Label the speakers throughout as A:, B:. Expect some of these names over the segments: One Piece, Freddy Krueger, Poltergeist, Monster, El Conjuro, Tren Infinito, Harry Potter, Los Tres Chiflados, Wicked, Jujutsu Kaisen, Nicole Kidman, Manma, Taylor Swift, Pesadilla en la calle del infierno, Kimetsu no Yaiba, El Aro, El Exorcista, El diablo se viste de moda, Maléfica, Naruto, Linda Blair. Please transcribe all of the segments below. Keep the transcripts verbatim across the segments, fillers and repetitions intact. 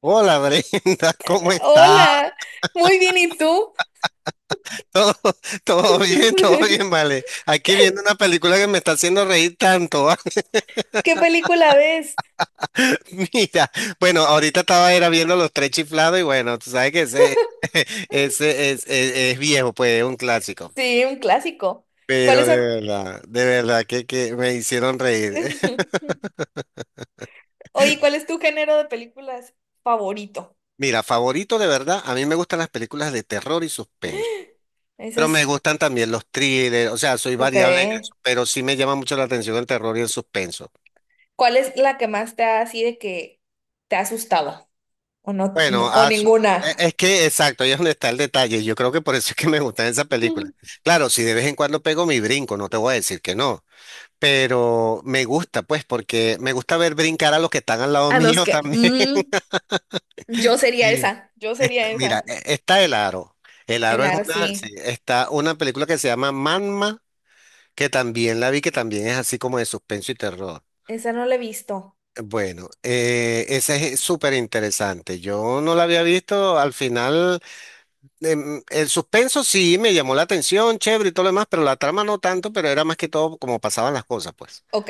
A: Hola Brenda, ¿cómo estás?
B: Hola, muy bien, ¿y tú?
A: Todo, todo bien, todo bien, vale. Aquí viendo una película que me está haciendo reír tanto.
B: ¿Qué película ves?
A: Mira, bueno, ahorita estaba era viendo Los Tres Chiflados y bueno, tú sabes que ese, ese es, es- es viejo, pues es un clásico.
B: Sí, un clásico.
A: Pero
B: ¿Cuáles
A: de
B: son?
A: verdad, de verdad que, que me hicieron reír.
B: Oye, ¿cuál es tu género de películas favorito?
A: Mira, favorito de verdad, a mí me gustan las películas de terror y suspenso.
B: Ese
A: Pero me
B: es...
A: gustan también los thrillers, o sea, soy
B: Ok.
A: variable en eso, pero sí me llama mucho la atención el terror y el suspenso.
B: ¿Cuál es la que más te ha así de que te ha asustado? ¿O no,
A: Bueno,
B: no- o
A: ah, s-
B: ninguna?
A: e- es que exacto, ahí es donde está el detalle. Yo creo que por eso es que me gustan esas películas. Claro, si de vez en cuando pego mi brinco, no te voy a decir que no, pero me gusta, pues, porque me gusta ver brincar a los que están al lado
B: A los
A: mío
B: que...
A: también.
B: mm, yo sería
A: Sí.
B: esa, yo sería
A: Mira,
B: esa.
A: e- está El Aro. El Aro es
B: Claro,
A: una, sí,
B: sí,
A: está una película que se llama Manma, que también la vi, que también es así como de suspenso y terror.
B: esa no la he visto.
A: Bueno, eh, esa es súper interesante. Yo no la había visto al final. Em, el suspenso sí me llamó la atención, chévere y todo lo demás, pero la trama no tanto, pero era más que todo como pasaban las cosas, pues.
B: Ok,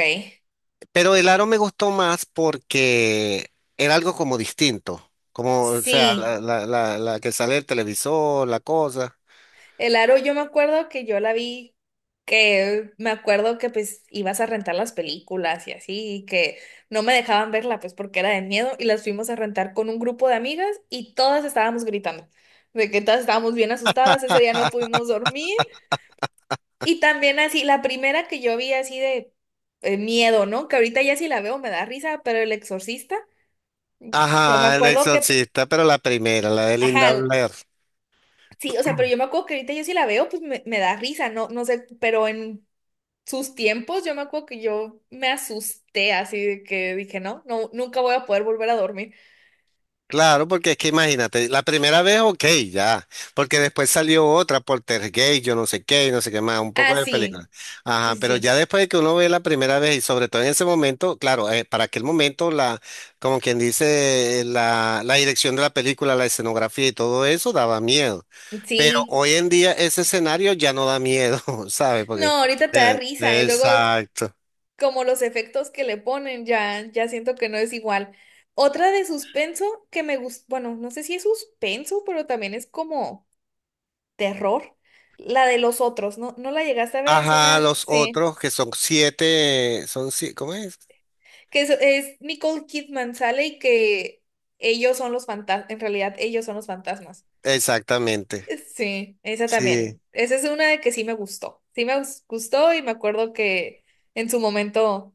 A: Pero el aro me gustó más porque era algo como distinto, como, o sea,
B: sí.
A: la, la, la, la que sale el televisor, la cosa.
B: El Aro, yo me acuerdo que yo la vi, que me acuerdo que pues ibas a rentar las películas y así, y que no me dejaban verla pues porque era de miedo y las fuimos a rentar con un grupo de amigas y todas estábamos gritando, de que todas estábamos bien asustadas, ese día no pudimos dormir y también así, la primera que yo vi así de eh, miedo, ¿no? Que ahorita ya si la veo me da risa, pero El Exorcista, yo me
A: Ajá, el
B: acuerdo que,
A: exorcista, pero la primera, la de Linda
B: ajá,
A: Blair.
B: sí, o sea, pero yo me acuerdo que ahorita yo si la veo, pues me, me da risa, no, no sé, pero en sus tiempos, yo me acuerdo que yo me asusté así de que dije, no, no, nunca voy a poder volver a dormir.
A: Claro, porque es que imagínate, la primera vez, ok, ya, porque después salió otra, Poltergeist, yo no sé qué, y no sé qué más, un poco
B: Ah,
A: de película.
B: sí, sí,
A: Ajá, pero
B: sí,
A: ya después de que uno ve la primera vez y sobre todo en ese momento, claro, eh, para aquel momento, la, como quien dice, eh, la, la dirección de la película, la escenografía y todo eso daba miedo.
B: sí.
A: Pero
B: Sí.
A: hoy en día ese escenario ya no da miedo, ¿sabes? Porque,
B: No, ahorita te da
A: eh,
B: risa y luego
A: exacto.
B: como los efectos que le ponen, ya, ya siento que no es igual. Otra de suspenso que me gusta, bueno, no sé si es suspenso, pero también es como terror. La de los otros, ¿no? ¿No la llegaste a ver? Es
A: Ajá,
B: una,
A: los
B: sí,
A: otros que son siete, son siete, ¿cómo es?
B: que es, es Nicole Kidman sale y que ellos son los fantasmas, en realidad ellos son los fantasmas.
A: Exactamente.
B: Sí, esa también.
A: Sí,
B: Esa es una de que sí me gustó. Sí me gus- gustó y me acuerdo que en su momento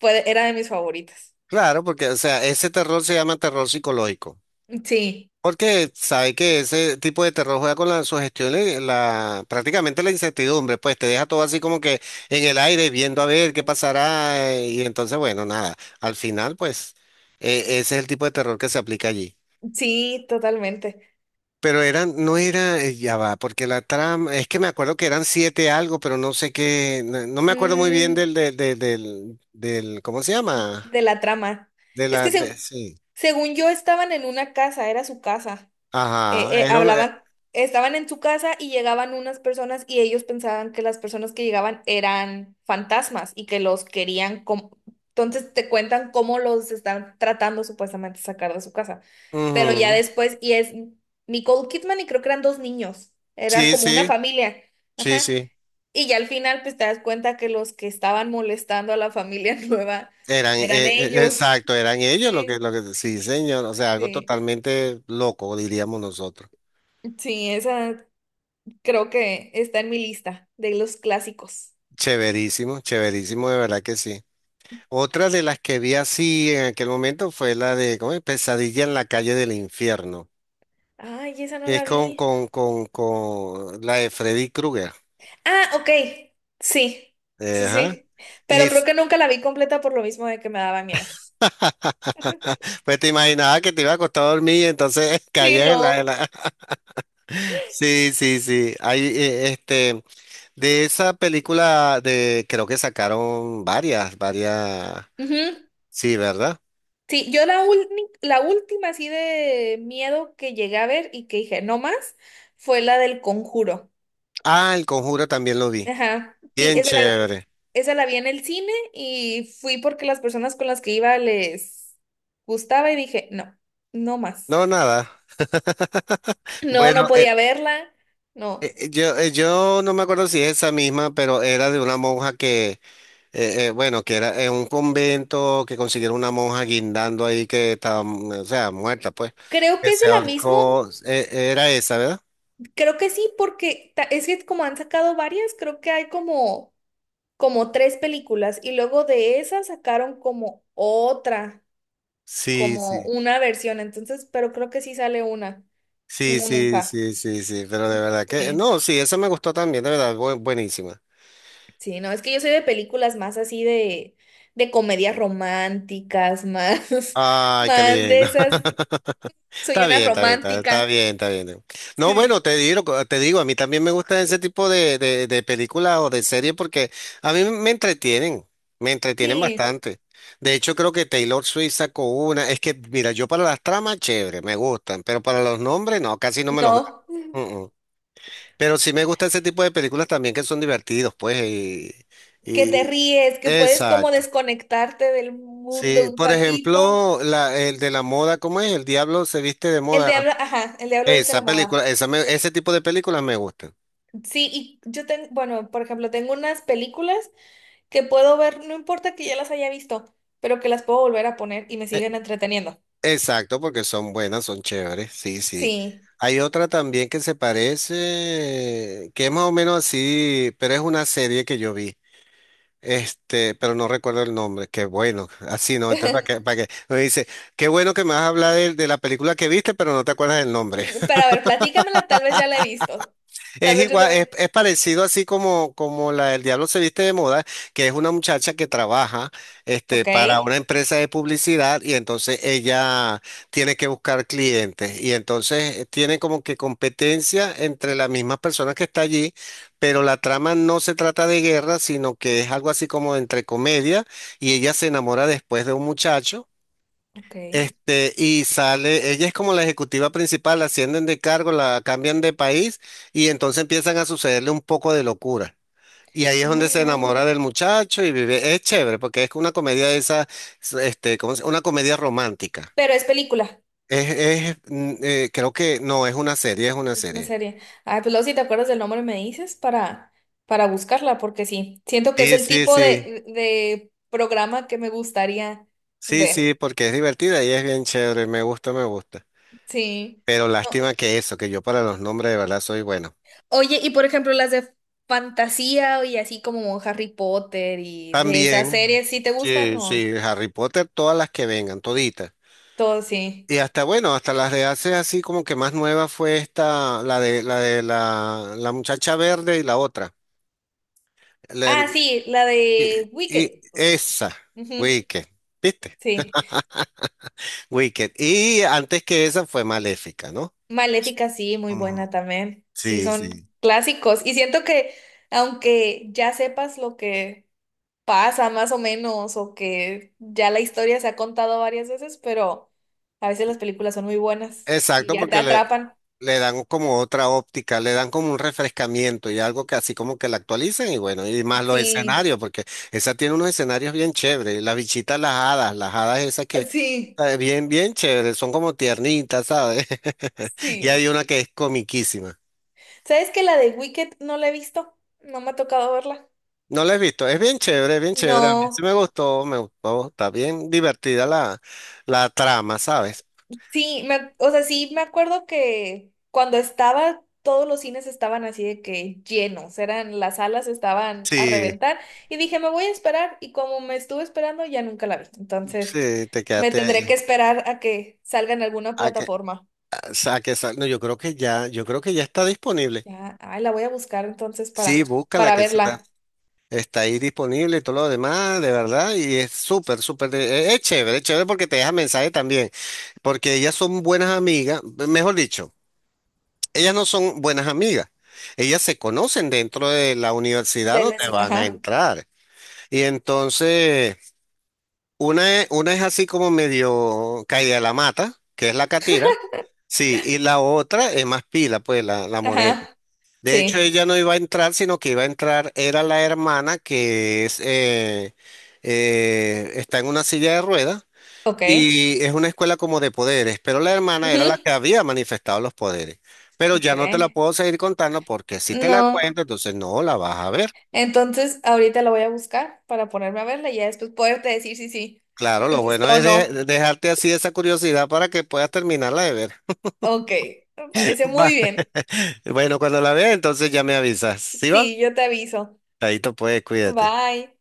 B: fue, era de mis favoritas.
A: claro, porque, o sea, ese terror se llama terror psicológico.
B: Sí,
A: Porque sabe que ese tipo de terror juega con la sugestión, eh, la, prácticamente la incertidumbre, pues te deja todo así como que en el aire, viendo a ver qué pasará, eh, y entonces, bueno, nada, al final, pues, eh, ese es el tipo de terror que se aplica allí.
B: sí, totalmente.
A: Pero eran, no era, eh, ya va, porque la trama, es que me acuerdo que eran siete algo, pero no sé qué, no, no me acuerdo muy bien del,
B: Mm,
A: del, del, del, del- ¿cómo se llama?
B: de la trama.
A: De
B: Es
A: la,
B: que
A: de-
B: se-
A: sí.
B: según yo estaban en una casa, era su casa. eh,
A: Ajá,
B: eh,
A: era una... eh,
B: hablaban, estaban en su casa y llegaban unas personas y ellos pensaban que las personas que llegaban eran fantasmas y que los querían, com- entonces te cuentan cómo los están tratando supuestamente de sacar de su casa. Pero ya
A: ujú.
B: después, y es Nicole Kidman y creo que eran dos niños, era
A: Sí,
B: como una
A: sí,
B: familia,
A: sí,
B: ajá.
A: sí.
B: Y ya al final pues te das cuenta que los que estaban molestando a la familia nueva
A: Eran, eh,
B: eran
A: eh,
B: ellos.
A: exacto, eran ellos lo que,
B: Sí,
A: lo que, sí, señor, o sea, algo
B: sí.
A: totalmente loco, diríamos nosotros.
B: Sí, esa creo que está en mi lista de los clásicos.
A: Chéverísimo, chéverísimo, de verdad que sí. Otra de las que vi así en aquel momento fue la de, ¿cómo es? Pesadilla en la calle del infierno,
B: Ay, esa no
A: que es
B: la
A: con,
B: vi.
A: con, con, con la de Freddy Krueger.
B: Ah, ok. Sí, sí,
A: Ajá.
B: sí.
A: Y
B: Pero creo
A: es-
B: que nunca la vi completa por lo mismo de que me daba miedo.
A: pues te imaginaba que te iba a costar dormir y entonces
B: Sí,
A: caían en la... en
B: no.
A: la- Sí, sí, sí. Hay, eh, este, de esa película de, creo que sacaron varias, varias.
B: Ujú.
A: Sí, ¿verdad?
B: Sí, yo la, ulni- la última así de miedo que llegué a ver y que dije, no más, fue la del Conjuro.
A: Ah, El Conjuro también lo vi.
B: Ajá. Sí,
A: Bien
B: esa la,
A: chévere.
B: esa la vi en el cine y fui porque las personas con las que iba les gustaba y dije, no, no más.
A: No, nada.
B: No,
A: Bueno,
B: no
A: eh,
B: podía verla. No.
A: eh, yo, eh, yo no me acuerdo si es esa misma, pero era de una monja que, eh, eh, bueno, que era en un convento que consiguieron una monja guindando ahí que estaba, mm, o sea, muerta, pues,
B: Creo
A: que
B: que es de
A: se
B: la misma.
A: ahorcó. Eh, era esa, ¿verdad?
B: Creo que sí, porque ta- es que como han sacado varias, creo que hay como, como tres películas y luego de esas sacaron como otra,
A: Sí,
B: como
A: sí.
B: una versión. Entonces, pero creo que sí sale una,
A: Sí,
B: una
A: sí,
B: monja.
A: sí, sí, sí, pero de verdad que,
B: Sí.
A: no, sí, esa me gustó también, de verdad, bu- buenísima.
B: Sí, no, es que yo soy de películas más así de, de comedias románticas, más,
A: Ay, qué
B: más de
A: lindo.
B: esas. Soy
A: Está
B: una
A: bien, está bien, está, está
B: romántica.
A: bien, está bien. No, bueno,
B: Sí.
A: te digo, te digo, a mí también me gusta ese tipo de, de, de películas o de series porque a mí me entretienen, me entretienen
B: Sí,
A: bastante. De hecho, creo que Taylor Swift sacó una. Es que, mira, yo para las tramas, chévere, me gustan, pero para los nombres, no, casi no me los grabo.
B: no,
A: Mm, mm. Pero sí me gusta ese tipo de películas también que son divertidos, pues, y,
B: que te
A: y-
B: ríes, que puedes como
A: Exacto.
B: desconectarte del
A: Sí,
B: mundo un
A: por
B: ratito.
A: ejemplo, la, el de la moda, ¿cómo es? El diablo se viste de
B: El
A: moda.
B: diablo, ajá, el diablo dice la
A: Esa
B: moda.
A: película, esa me- ese tipo de películas me gustan.
B: Sí, y yo tengo, bueno, por ejemplo, tengo unas películas que puedo ver, no importa que ya las haya visto, pero que las puedo volver a poner y me
A: E-
B: siguen
A: Sí.
B: entreteniendo.
A: Exacto, porque son buenas, son chéveres. Sí, sí.
B: Sí.
A: Hay otra también que se parece, que es más o menos así, pero es una serie que yo vi. Este, pero no recuerdo el nombre. Qué bueno, así no. Entonces, ¿para qué? ¿Para qué? Me dice, qué bueno que me vas a hablar de, de la película que viste, pero no te acuerdas del nombre.
B: Mm, pero a ver, platícamela, tal vez ya la he visto. Tal
A: Es
B: vez yo
A: igual, es,
B: también.
A: es parecido así como, como la del Diablo se viste de moda, que es una muchacha que trabaja este,
B: Ok,
A: para una empresa de publicidad y entonces ella tiene que buscar clientes y entonces eh, tiene como que competencia entre las mismas personas que está allí, pero la trama no se trata de guerra, sino que es algo así como entre comedia y ella se enamora después de un muchacho.
B: ok.
A: Este, y sale, ella es como la ejecutiva principal, la ascienden de cargo, la cambian de país y entonces empiezan a sucederle un poco de locura. Y ahí es donde
B: Ay,
A: se
B: no.
A: enamora del muchacho y vive. Es chévere porque es una comedia de esa, este, ¿cómo se- Una comedia romántica.
B: Pero es película.
A: Es, es, mm, eh, creo que, no, es una serie, es una
B: Es una
A: serie.
B: serie. Ay, pues luego si te acuerdas del nombre me dices para, para buscarla, porque sí, siento que es
A: Sí,
B: el
A: sí,
B: tipo
A: sí.
B: de, de programa que me gustaría
A: Sí,
B: ver.
A: sí, porque es divertida y es bien chévere, me gusta, me gusta.
B: Sí.
A: Pero
B: No.
A: lástima que eso, que yo para los nombres de verdad soy bueno.
B: Oye, y por ejemplo, las de fantasía y así como Harry Potter y de esas
A: También,
B: series, ¿sí te gustan
A: sí,
B: o?
A: sí, Harry Potter, todas las que vengan, toditas.
B: Todo sí.
A: Y hasta, bueno, hasta las de hace así como que más nueva fue esta, la de la de la, la muchacha verde y la otra. La-
B: Ah, sí, la de
A: y
B: Wicked.
A: esa,
B: Ujú,
A: Wicked, ¿viste?
B: sí.
A: Wicked. Y antes que esa fue Maléfica, ¿no?
B: Maléfica, sí, muy
A: Ujú.
B: buena también. Sí,
A: Sí,
B: son
A: sí.
B: clásicos. Y siento que aunque ya sepas lo que pasa más o menos o que ya la historia se ha contado varias veces, pero a veces las películas son muy buenas y
A: Exacto,
B: ya te
A: porque le,
B: atrapan.
A: le dan como otra óptica, le dan como un refrescamiento y algo que así como que la actualicen y bueno, y más los
B: Sí,
A: escenarios, porque esa tiene unos escenarios bien chéveres, las bichitas, las hadas, las hadas esas que
B: sí,
A: eh, bien, bien chéveres, son como tiernitas, ¿sabes? Y hay
B: sí.
A: una que es comiquísima.
B: ¿Sabes que la de Wicked no la he visto? No me ha tocado verla.
A: No la he visto, es bien chévere, bien chévere, a mí sí
B: No,
A: me gustó, me gustó, está bien divertida la, la trama, ¿sabes?
B: sí, me, ac- o sea, sí me acuerdo que cuando estaba, todos los cines estaban así de que llenos, eran las salas estaban a
A: Sí,
B: reventar y dije, me voy a esperar y como me estuve esperando ya nunca la vi. Entonces...
A: sí, te
B: Me tendré que
A: quedaste.
B: esperar a que salga en alguna plataforma.
A: Sa- que sa- no, yo creo que ya, yo creo que ya está disponible.
B: Ya, ay, la voy a buscar entonces
A: Sí,
B: para,
A: búscala
B: para
A: que está,
B: verla.
A: está ahí disponible y todo lo demás, de verdad, y es súper, súper, de- es, es chévere, es chévere porque te deja mensaje también, porque ellas son buenas amigas, mejor dicho, ellas no son buenas amigas, ellas se conocen dentro de la universidad
B: De
A: donde
B: les-
A: van a
B: Ajá,
A: entrar, y entonces una es, una es así como medio caída de la mata, que es la catira, sí, y la otra es más pila, pues la, la morena.
B: ajá,
A: De hecho,
B: sí,
A: ella no iba a entrar, sino que iba a entrar, era la hermana que es, eh, eh, está en una silla de ruedas
B: ok.
A: y es una escuela como de poderes, pero la hermana era
B: Ujú,
A: la que había manifestado los poderes. Pero
B: ok.
A: ya no te la puedo seguir contando porque si te la
B: No,
A: cuento, entonces no la vas a ver.
B: entonces ahorita la voy a buscar para ponerme a verla y ya después poderte decir si sí,
A: Claro,
B: me
A: lo bueno
B: gustó o
A: es de-
B: no.
A: de dejarte así esa curiosidad para que puedas terminarla de ver.
B: Ok, me parece muy
A: Vale.
B: bien.
A: Bueno, cuando la veas, entonces ya me avisas. ¿Sí va?
B: Sí, yo te aviso.
A: Ahí te puedes, cuídate.
B: Bye.